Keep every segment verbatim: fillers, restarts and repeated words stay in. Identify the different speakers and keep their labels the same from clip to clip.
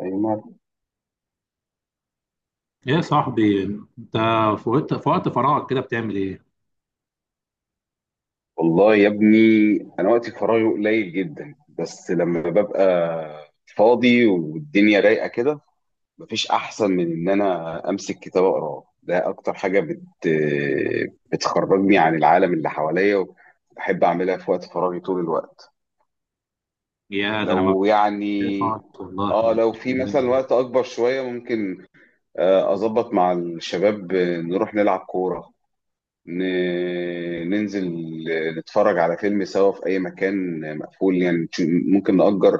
Speaker 1: أيوة.
Speaker 2: ايه يا صاحبي؟ انت في وقت في وقت فراغك كده بتعمل ايه؟
Speaker 1: والله يا ابني انا وقتي فراغي قليل جدا، بس لما ببقى فاضي والدنيا رايقه كده مفيش احسن من ان انا امسك كتاب اقراه. ده اكتر حاجه بت بتخرجني عن العالم اللي حواليا، وبحب اعملها في وقت فراغي طول الوقت.
Speaker 2: يا ده انا ما
Speaker 1: لو يعني
Speaker 2: بحبش
Speaker 1: اه
Speaker 2: والله.
Speaker 1: لو في مثلا وقت اكبر شويه ممكن. آه، اظبط مع الشباب، آه، نروح نلعب كوره، ن- ننزل نتفرج على فيلم سوا في أي مكان مقفول يعني. تش- ممكن نأجر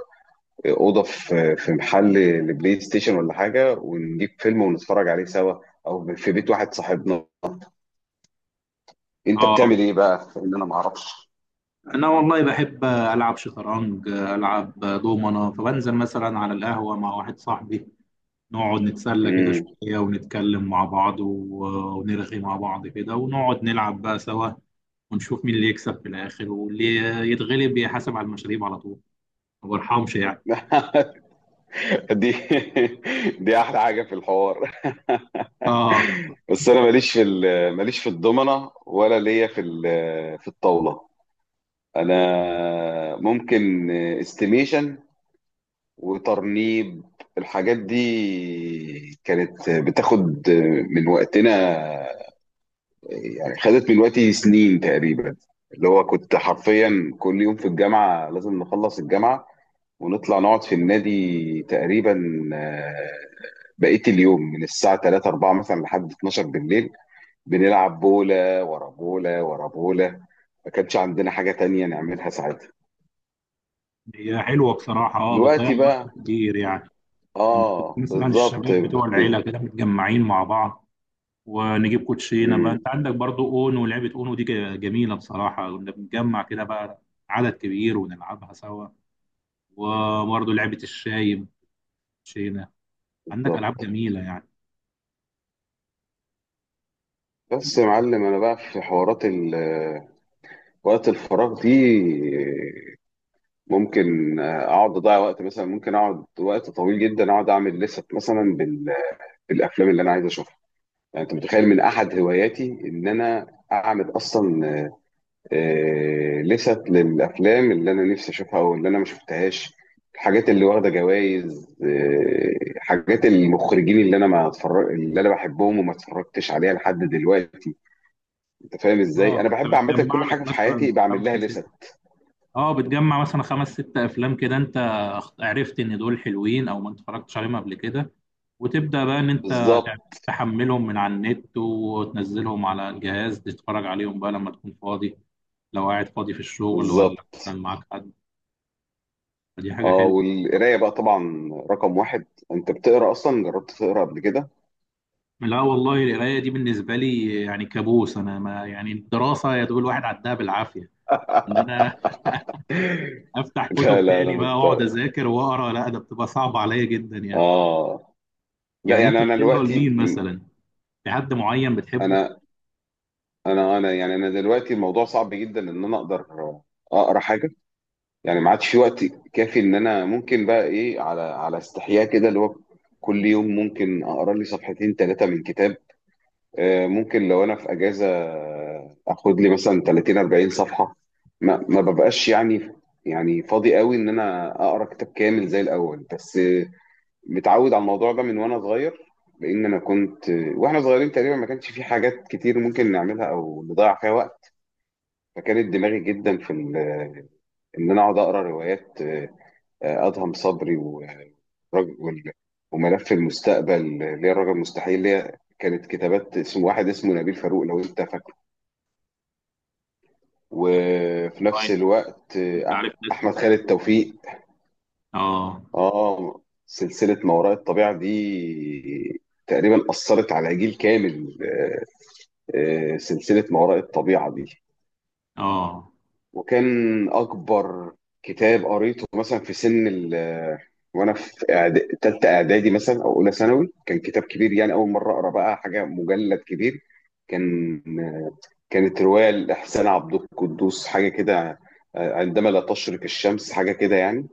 Speaker 1: أوضة في في محل لبلاي ستيشن ولا حاجة، ونجيب فيلم ونتفرج عليه سوا، أو في بيت واحد صاحبنا. أنت
Speaker 2: اه،
Speaker 1: بتعمل إيه بقى؟ إن أنا معرفش.
Speaker 2: انا والله بحب العب شطرنج، العب دومنه، فبنزل مثلا على القهوه مع واحد صاحبي، نقعد نتسلى كده
Speaker 1: مم.
Speaker 2: شويه ونتكلم مع بعض و- ونرغي مع بعض كده ونقعد نلعب بقى سوا، ونشوف مين اللي يكسب في الاخر واللي يتغلب يحاسب على المشاريب على طول. ما برحمش يعني.
Speaker 1: دي دي احلى حاجه في الحوار.
Speaker 2: اه،
Speaker 1: بس انا ماليش في ال- ماليش في الضمنه، ولا ليا في ال- في الطاوله. انا ممكن استيميشن وترنيب. الحاجات دي كانت بتاخد من وقتنا، يعني خدت من وقتي سنين تقريبا. اللي هو كنت حرفيا كل يوم في الجامعة لازم نخلص الجامعة ونطلع نقعد في النادي تقريبا آه، بقية اليوم من الساعة ثلاثة أربعة مثلا لحد اتناشر بالليل، بنلعب بولة ورا بولة ورا بولة. ما كانش عندنا حاجة تانية نعملها ساعتها.
Speaker 2: هي حلوه بصراحه، اه بتضيع
Speaker 1: دلوقتي بقى.
Speaker 2: وقت كتير يعني. لما تبقى
Speaker 1: اه،
Speaker 2: مثلا
Speaker 1: بالظبط.
Speaker 2: الشباب بتوع
Speaker 1: ب...
Speaker 2: العيله كده متجمعين مع بعض، ونجيب كوتشينه بقى، انت
Speaker 1: مم،
Speaker 2: عندك برضو اونو، لعبه اونو دي ج- جميله بصراحه، كنا بنتجمع كده بقى عدد كبير ونلعبها سوا. وبرضو لعبه الشاي، كوتشينه، عندك
Speaker 1: بالظبط.
Speaker 2: العاب جميله يعني.
Speaker 1: بس يا معلم انا بقى في حوارات ال- وقت الفراغ دي ممكن اقعد اضيع وقت، مثلا ممكن اقعد وقت طويل جدا اقعد اعمل لست مثلا بال- بالافلام اللي انا عايز اشوفها. يعني انت متخيل من احد هواياتي ان انا اعمل اصلا آه، لست للافلام اللي انا نفسي اشوفها او اللي انا ما شفتهاش، الحاجات اللي واخده جوائز، آه، حاجات المخرجين اللي انا ما اتفرج اللي انا بحبهم وما اتفرجتش عليها لحد دلوقتي. أنت فاهم إزاي؟
Speaker 2: اه،
Speaker 1: أنا
Speaker 2: انت
Speaker 1: باحب عامةً
Speaker 2: بتجمع
Speaker 1: كل حاجة
Speaker 2: لك
Speaker 1: في
Speaker 2: مثلا
Speaker 1: حياتي باعمل لها
Speaker 2: خمسه سته،
Speaker 1: لِسَت.
Speaker 2: اه بتجمع مثلا خمس ست افلام كده، انت عرفت ان دول حلوين او ما اتفرجتش عليهم قبل كده، وتبدأ بقى إن أنت
Speaker 1: بالضبط،
Speaker 2: تحملهم من على النت وتنزلهم على الجهاز، تتفرج عليهم بقى لما تكون فاضي، لو قاعد فاضي في الشغل ولا
Speaker 1: بالضبط.
Speaker 2: مثلا معاك حد. فدي حاجة
Speaker 1: آه،
Speaker 2: حلوة.
Speaker 1: والقراية بقى طبعًا رقم واحد. أنت بتقرا أصلًا؟ جرّبت تقرا قبل كده؟
Speaker 2: لا والله، القراية دي بالنسبة لي يعني كابوس. أنا ما يعني، الدراسة يا دوب الواحد عدها بالعافية، إن أنا أفتح
Speaker 1: لا،
Speaker 2: كتب
Speaker 1: لا، أنا
Speaker 2: تاني بقى وأقعد
Speaker 1: مضطر.
Speaker 2: أذاكر وأقرأ، لا ده بتبقى صعبة عليا جدا يعني.
Speaker 1: آه. لأ،
Speaker 2: يعني أنت
Speaker 1: يعني أنا
Speaker 2: بتقرأ
Speaker 1: دلوقتي
Speaker 2: لمين
Speaker 1: م
Speaker 2: مثلا؟ في حد معين بتحبه؟
Speaker 1: أنا أنا أنا يعني أنا دلوقتي الموضوع صعب جدًا إن أنا أقدر أقرا حاجة، يعني ما عادش في وقت كافي إن أنا ممكن بقى إيه، على على استحياء كده، اللي هو كل يوم ممكن أقرا لي صفحتين، ثلاث من كتاب. آه، ممكن لو انا في اجازه آه، اخد لي مثلا تلاتين أربعين صفحه. ما ما ببقاش يعني، يعني فاضي قوي ان انا اقرا كتاب كامل زي الاول. بس آه، متعود على الموضوع ده من وانا صغير، لان انا كنت آه، واحنا صغيرين تقريبا ما كانش في حاجات كتير ممكن نعملها او نضيع فيها وقت. فكانت دماغي جدا في ال- ان انا اقعد اقرا روايات، آه، آه، ادهم صبري و- والرج- وال- وملف المستقبل اللي هي الرجل المستحيل، اللي هي كانت كتابات اسم واحد اسمه نبيل فاروق لو انت. وفي نفس
Speaker 2: آه،
Speaker 1: الوقت
Speaker 2: أنت
Speaker 1: آه،
Speaker 2: عارف ناس
Speaker 1: احمد
Speaker 2: كتير
Speaker 1: خالد
Speaker 2: أوي حلوة.
Speaker 1: توفيق.
Speaker 2: آه،
Speaker 1: اه. سلسله ما وراء الطبيعه دي تقريبا اثرت على جيل كامل. آه، آه، سلسله ما وراء الطبيعه دي.
Speaker 2: آه.
Speaker 1: وكان اكبر كتاب قريته مثلا في سن ال وانا في إعد- تالتة اعدادي مثلا او اولى ثانوي كان كتاب كبير، يعني اول مره اقرا بقى حاجه مجلد كبير. كان كانت روايه لاحسان عبد القدوس، حاجه كده، آه، عندما لا تشرق الشمس، حاجه كده يعني.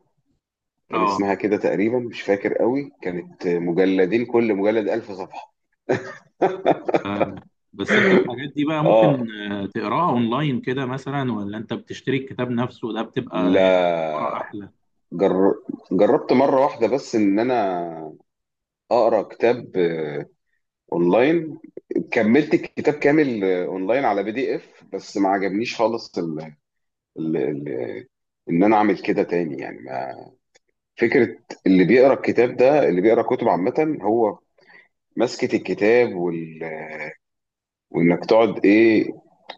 Speaker 1: كان اسمها كده تقريبا، مش فاكر قوي، كانت مجلدين، كل مجلد ألف صفحه.
Speaker 2: آه بس انت الحاجات دي بقى
Speaker 1: اه،
Speaker 2: ممكن آه، تقراها اونلاين كده مثلا، ولا انت بتشتري الكتاب نفسه ده، بتبقى يعني قراءة
Speaker 1: لا.
Speaker 2: احلى؟
Speaker 1: جر... جربت مره واحده بس ان انا اقرا كتاب اونلاين، كملت الكتاب كامل آه، اونلاين على بي دي اف، بس ما عجبنيش خالص ال ال ال ان انا اعمل كده تاني. يعني ما فكره اللي بيقرا الكتاب ده، اللي بيقرا كتب عامه، هو مسكه الكتاب وال وانك تقعد ايه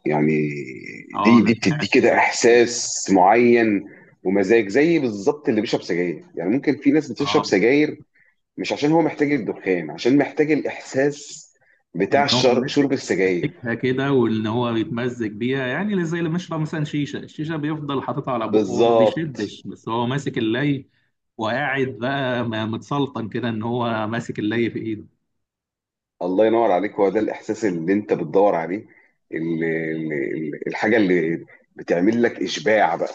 Speaker 1: يعني.
Speaker 2: اه،
Speaker 1: دي
Speaker 2: انا
Speaker 1: دي
Speaker 2: سمعت
Speaker 1: بتدي كده
Speaker 2: فعلا كده.
Speaker 1: احساس معين ومزاج، زي بالظبط اللي بيشرب سجاير، يعني ممكن في ناس بتشرب
Speaker 2: اه،
Speaker 1: سجاير مش عشان هو محتاج الدخان، عشان محتاج الاحساس
Speaker 2: ان
Speaker 1: بتاع
Speaker 2: هو
Speaker 1: الشر-
Speaker 2: ماسك
Speaker 1: شرب السجاير.
Speaker 2: ماسكها كده، وان هو بيتمزج بيها، يعني زي اللي بيشرب مثلا شيشه، الشيشه بيفضل حاططها على بقه، هو ما
Speaker 1: بالظبط.
Speaker 2: بيشدش بس هو ماسك اللي وقاعد بقى م- متسلطن كده ان هو ماسك اللي في ايده.
Speaker 1: الله ينور عليك، هو ده الاحساس اللي انت بتدور عليه، ال- ال- ال- الحاجه اللي بتعمل لك اشباع بقى.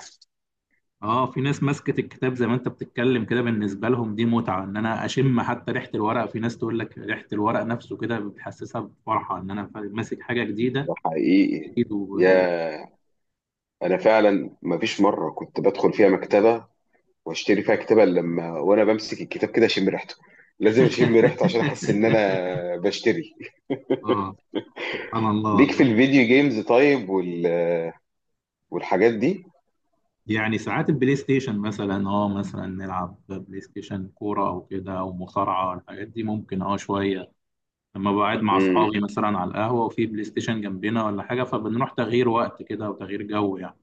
Speaker 2: اه، في ناس ماسكة الكتاب زي ما انت بتتكلم كده، بالنسبة لهم دي متعة، ان انا اشم حتى ريحة الورق. في ناس تقول لك ريحة الورق نفسه كده بتحسسها بفرحة، ان انا ف- ماسك حاجة جديدة،
Speaker 1: حقيقي.
Speaker 2: جديد و...
Speaker 1: يا انا فعلا ما فيش مره كنت بدخل فيها مكتبه واشتري فيها كتاب إلا لما وانا بمسك الكتاب كده اشم ريحته، لازم اشم ريحته عشان احس ان انا بشتري.
Speaker 2: اه، سبحان الله
Speaker 1: ليك في
Speaker 2: والله.
Speaker 1: الفيديو جيمز طيب وال... والحاجات دي؟
Speaker 2: يعني ساعات البلاي ستيشن مثلا، اه مثلا نلعب بلاي ستيشن كورة او كده او مصارعة، الحاجات دي ممكن اه شوية، لما بقعد مع
Speaker 1: امم.
Speaker 2: اصحابي مثلا على القهوة وفي بلاي ستيشن جنبنا ولا حاجة، فبنروح تغيير وقت كده وتغيير جو يعني،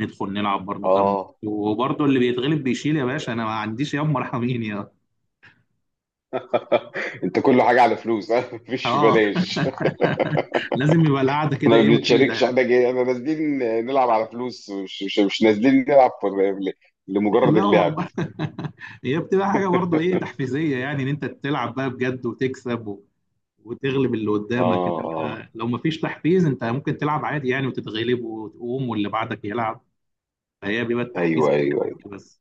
Speaker 2: ندخل نلعب برضو كام ماتش.
Speaker 1: اه.
Speaker 2: وبرضو اللي بيتغلب بيشيل، يا باشا انا ما عنديش، ياما مرحمين يا.
Speaker 1: انت كل حاجه على فلوس. مفيش
Speaker 2: اه.
Speaker 1: بلاش.
Speaker 2: لازم يبقى القعده كده
Speaker 1: احنا ما
Speaker 2: ايه مفيده
Speaker 1: بنتشاركش،
Speaker 2: يعني.
Speaker 1: احنا جاي، احنا نازلين نلعب على فلوس، مش مش, مش نازلين نلعب فور- ل- لمجرد
Speaker 2: لا
Speaker 1: اللعب.
Speaker 2: والله. هي بتبقى حاجه برضو ايه تحفيزيه يعني، ان انت تلعب بقى بجد وتكسب و... وتغلب اللي
Speaker 1: اه،
Speaker 2: قدامك،
Speaker 1: اه،
Speaker 2: انما لو مفيش تحفيز انت ممكن تلعب عادي يعني وتتغلب وتقوم واللي بعدك يلعب. فهي بيبقى التحفيز
Speaker 1: ايوه،
Speaker 2: في الحتة
Speaker 1: ايوه،
Speaker 2: دي
Speaker 1: ايوه.
Speaker 2: بس.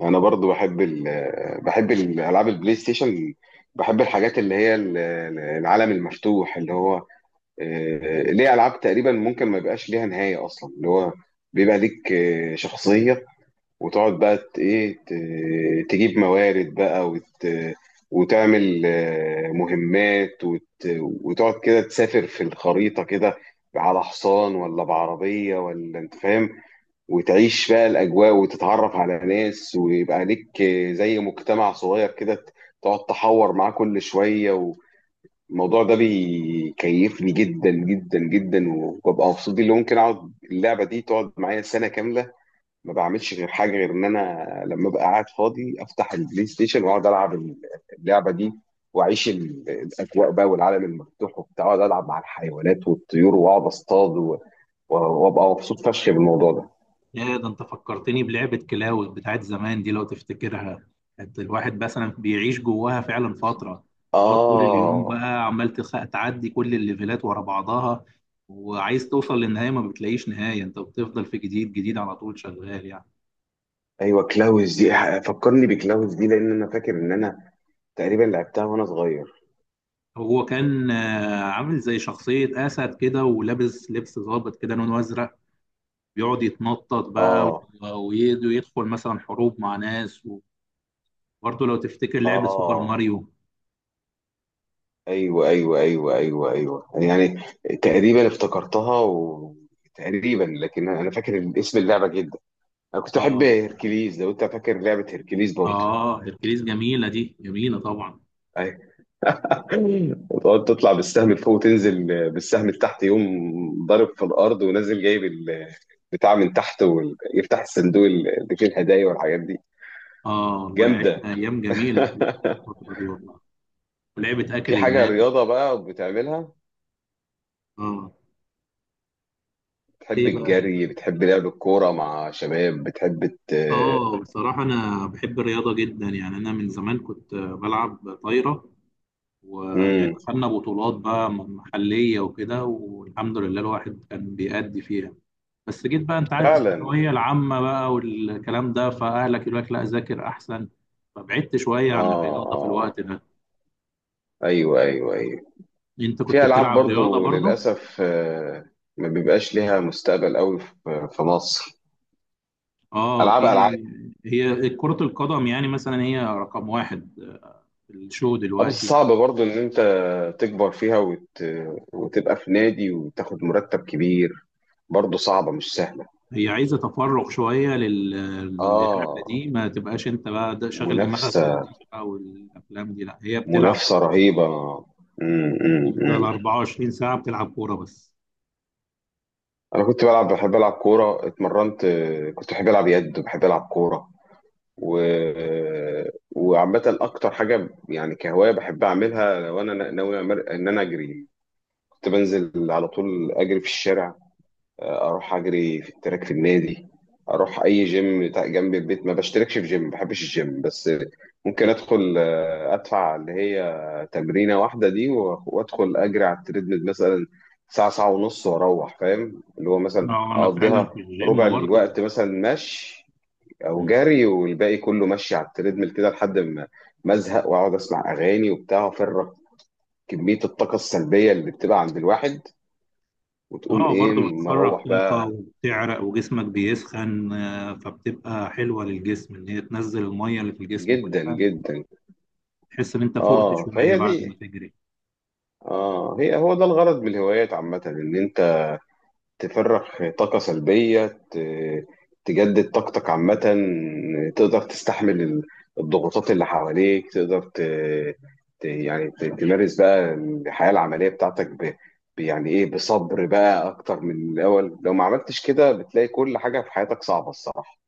Speaker 1: انا برضو بحب ال بحب الالعاب البلاي ستيشن، بحب الحاجات اللي هي ال- العالم المفتوح. اللي هو آه، ليه العاب تقريبا ممكن ما يبقاش ليها نهايه اصلا، اللي هو بيبقى ليك آه، شخصيه، وتقعد بقى ت- ايه ت- تجيب موارد بقى وت وتعمل آه، مهمات وت... وتقعد كده تسافر في الخريطة كده على حصان ولا بعربية ولا انت فاهم، وتعيش بقى الأجواء، وتتعرف على ناس، ويبقى ليك آه، زي مجتمع صغير كده ت- تقعد تحور معاه كل شوية. والموضوع ده بيكيفني جدا جدا جدا، وببقى مبسوط بيه، اللي ممكن اقعد اللعبة دي تقعد معايا سنة كاملة ما بعملش غير حاجه غير ان انا لما ابقى قاعد فاضي افتح البلاي ستيشن واقعد العب اللعبه دي، واعيش ال- الاجواء بقى والعالم المفتوح وبتاع، اقعد العب مع الحيوانات والطيور، واقعد اصطاد، و- و- وابقى مبسوط فشخ بالموضوع ده.
Speaker 2: يا ده، انت فكرتني بلعبة كلاود بتاعت زمان دي، لو تفتكرها كانت الواحد مثلا بيعيش جواها فعلا فترة، تقعد طول اليوم
Speaker 1: اه،
Speaker 2: بقى عمال تخ- تعدي كل الليفلات ورا بعضها، وعايز توصل للنهاية، ما بتلاقيش نهاية، انت بتفضل في جديد جديد على طول شغال يعني.
Speaker 1: ايوه، كلاوز دي فكرني بكلاوز دي لان انا فاكر ان انا تقريبا لعبتها وانا صغير.
Speaker 2: هو كان آه، عامل زي شخصية أسد كده ولابس لبس ضابط كده لونه أزرق، بيقعد يتنطط بقى
Speaker 1: اه،
Speaker 2: و- ويد- ويدخل مثلا حروب مع ناس. وبرضه لو تفتكر لعبة سوبر
Speaker 1: اه،
Speaker 2: ماريو.
Speaker 1: ايوه، ايوه، ايوه، ايوه، ايوه، يعني تقريبا افتكرتها و... تقريبا، لكن انا فاكر اسم اللعبه جدا. انا كنت احب
Speaker 2: اه،
Speaker 1: هيركليز، لو انت فاكر لعبه هيركليز برضه.
Speaker 2: اه، هركليس جميلة، دي جميلة طبعا.
Speaker 1: ايوه. وتقعد تطلع بالسهم لفوق وتنزل بالسهم لتحت، يقوم ضارب في الارض ونازل جايب البتاع من تحت، ويفتح الصندوق اللي فيه الهدايا والحاجات دي.
Speaker 2: اه، الله
Speaker 1: جامده.
Speaker 2: يعيشنا ايام جميلة في الفترة دي والله. ولعبة
Speaker 1: في
Speaker 2: اكل
Speaker 1: حاجه
Speaker 2: المال.
Speaker 1: رياضه بقى بتعملها؟
Speaker 2: اه،
Speaker 1: بتحب
Speaker 2: ايه بقى؟
Speaker 1: الجري؟ بتحب لعب الكوره مع شباب؟ بتحب ت...
Speaker 2: اه، بصراحة انا بحب الرياضة جدا يعني، انا من زمان كنت بلعب طايرة، ويعني
Speaker 1: مم.
Speaker 2: خدنا بطولات بقى محلية وكده، والحمد لله الواحد كان بيأدي فيها، بس جيت بقى انت عارف
Speaker 1: فعلا.
Speaker 2: الثانوية العامة بقى والكلام ده، فأهلك يقول لك لا ذاكر احسن، فبعدت شوية عن
Speaker 1: اه،
Speaker 2: الرياضة في
Speaker 1: اه،
Speaker 2: الوقت ده.
Speaker 1: ايوه، ايوه، ايوه.
Speaker 2: انت كنت
Speaker 1: في ألعاب
Speaker 2: بتلعب رياضة
Speaker 1: برضو
Speaker 2: برضه؟
Speaker 1: للأسف آه، ما بيبقاش ليها مستقبل قوي في في مصر.
Speaker 2: اه،
Speaker 1: ألعاب
Speaker 2: في،
Speaker 1: ألعاب.
Speaker 2: هي كرة القدم يعني مثلا، هي رقم واحد في الشو
Speaker 1: اه، بس
Speaker 2: دلوقتي.
Speaker 1: صعب برضو إن أنت تكبر فيها وت... وتبقى في نادي وتاخد مرتب كبير، برضو صعبة مش سهلة.
Speaker 2: هي عايزة تفرغ شوية لل- للعبة
Speaker 1: آه.
Speaker 2: دي، ما تبقاش انت بقى ده- شاغل دماغك
Speaker 1: منافسة
Speaker 2: بالمذاكرة والافلام دي، لا هي بتلعب،
Speaker 1: منافسة رهيبة. مم، مم،
Speaker 2: تفضل
Speaker 1: مم.
Speaker 2: 24 ساعة بتلعب كورة بس.
Speaker 1: أنا كنت بلعب، بحب ألعب كورة، اتمرنت، آه، كنت بحب ألعب يد، وبحب ألعب كورة و... وعامة أكتر حاجة يعني كهواية بحب أعملها لو أنا ناوي أمر- إن أنا أجري. كنت بنزل على طول أجري في الشارع، آه، أروح أجري في التراك في النادي، أروح أي جيم بتاع- جنب البيت. ما بشتركش في جيم، ما بحبش الجيم، بس ممكن أدخل آه، أدفع اللي هي تمرينة واحدة دي و- وأدخل أجري على التريدميل مثلا ساعة ساعة ونص وأروح، فاهم، اللي هو مثلا
Speaker 2: اه، انا فعلا
Speaker 1: أقضيها
Speaker 2: في
Speaker 1: ربع
Speaker 2: الجيم برضه.
Speaker 1: الوقت مثلا مشي او جري والباقي كله ماشي على التريدميل كده لحد ما ما ازهق، واقعد اسمع اغاني وبتاع، وافرغ كميه الطاقه السلبيه اللي بتبقى عند الواحد، وتقوم
Speaker 2: اه
Speaker 1: ايه
Speaker 2: برضه
Speaker 1: مروح
Speaker 2: بتخرج طاقة
Speaker 1: بقى.
Speaker 2: وبتعرق وجسمك بيسخن، آه، فبتبقى حلوة للجسم ان هي تنزل المية اللي في الجسم
Speaker 1: جدا
Speaker 2: كلها،
Speaker 1: جدا.
Speaker 2: تحس ان انت فقت
Speaker 1: اه،
Speaker 2: شوية
Speaker 1: فهي
Speaker 2: بعد ما
Speaker 1: دي.
Speaker 2: تجري.
Speaker 1: اه، هي هو ده الغرض من الهوايات عامه، ان انت تفرغ طاقة سلبية، ت- تجدد طاقتك عامة، تقدر تستحمل ال- الضغوطات اللي حواليك، تقدر ت... ت... يعني ت- تمارس بقى الحياة العملية بتاعتك، ب... ب- يعني ايه بصبر بقى اكتر من الاول. لو ما عملتش كده بتلاقي كل حاجة في حياتك صعبة الصراحة،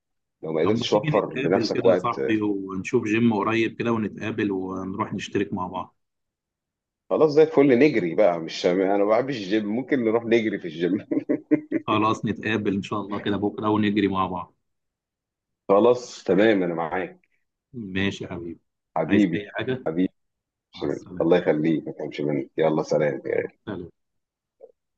Speaker 1: لو ما
Speaker 2: طب ما
Speaker 1: قدرتش
Speaker 2: تيجي
Speaker 1: توفر
Speaker 2: نتقابل
Speaker 1: لنفسك
Speaker 2: كده يا
Speaker 1: وقت.
Speaker 2: صاحبي، ونشوف جيم قريب كده ونتقابل ونروح نشترك مع بعض.
Speaker 1: خلاص زي الفل، نجري بقى، مش انا ما بحبش الجيم، ممكن نروح نجري في الجيم.
Speaker 2: خلاص نتقابل إن شاء الله كده بكرة ونجري مع بعض.
Speaker 1: خلاص تمام، انا معاك،
Speaker 2: ماشي يا حبيبي، عايز
Speaker 1: حبيبي.
Speaker 2: أي حاجة؟ مع
Speaker 1: شمال.
Speaker 2: السلامة.
Speaker 1: الله يخليك، ما تفهمش منك، يلا سلام.
Speaker 2: سلام.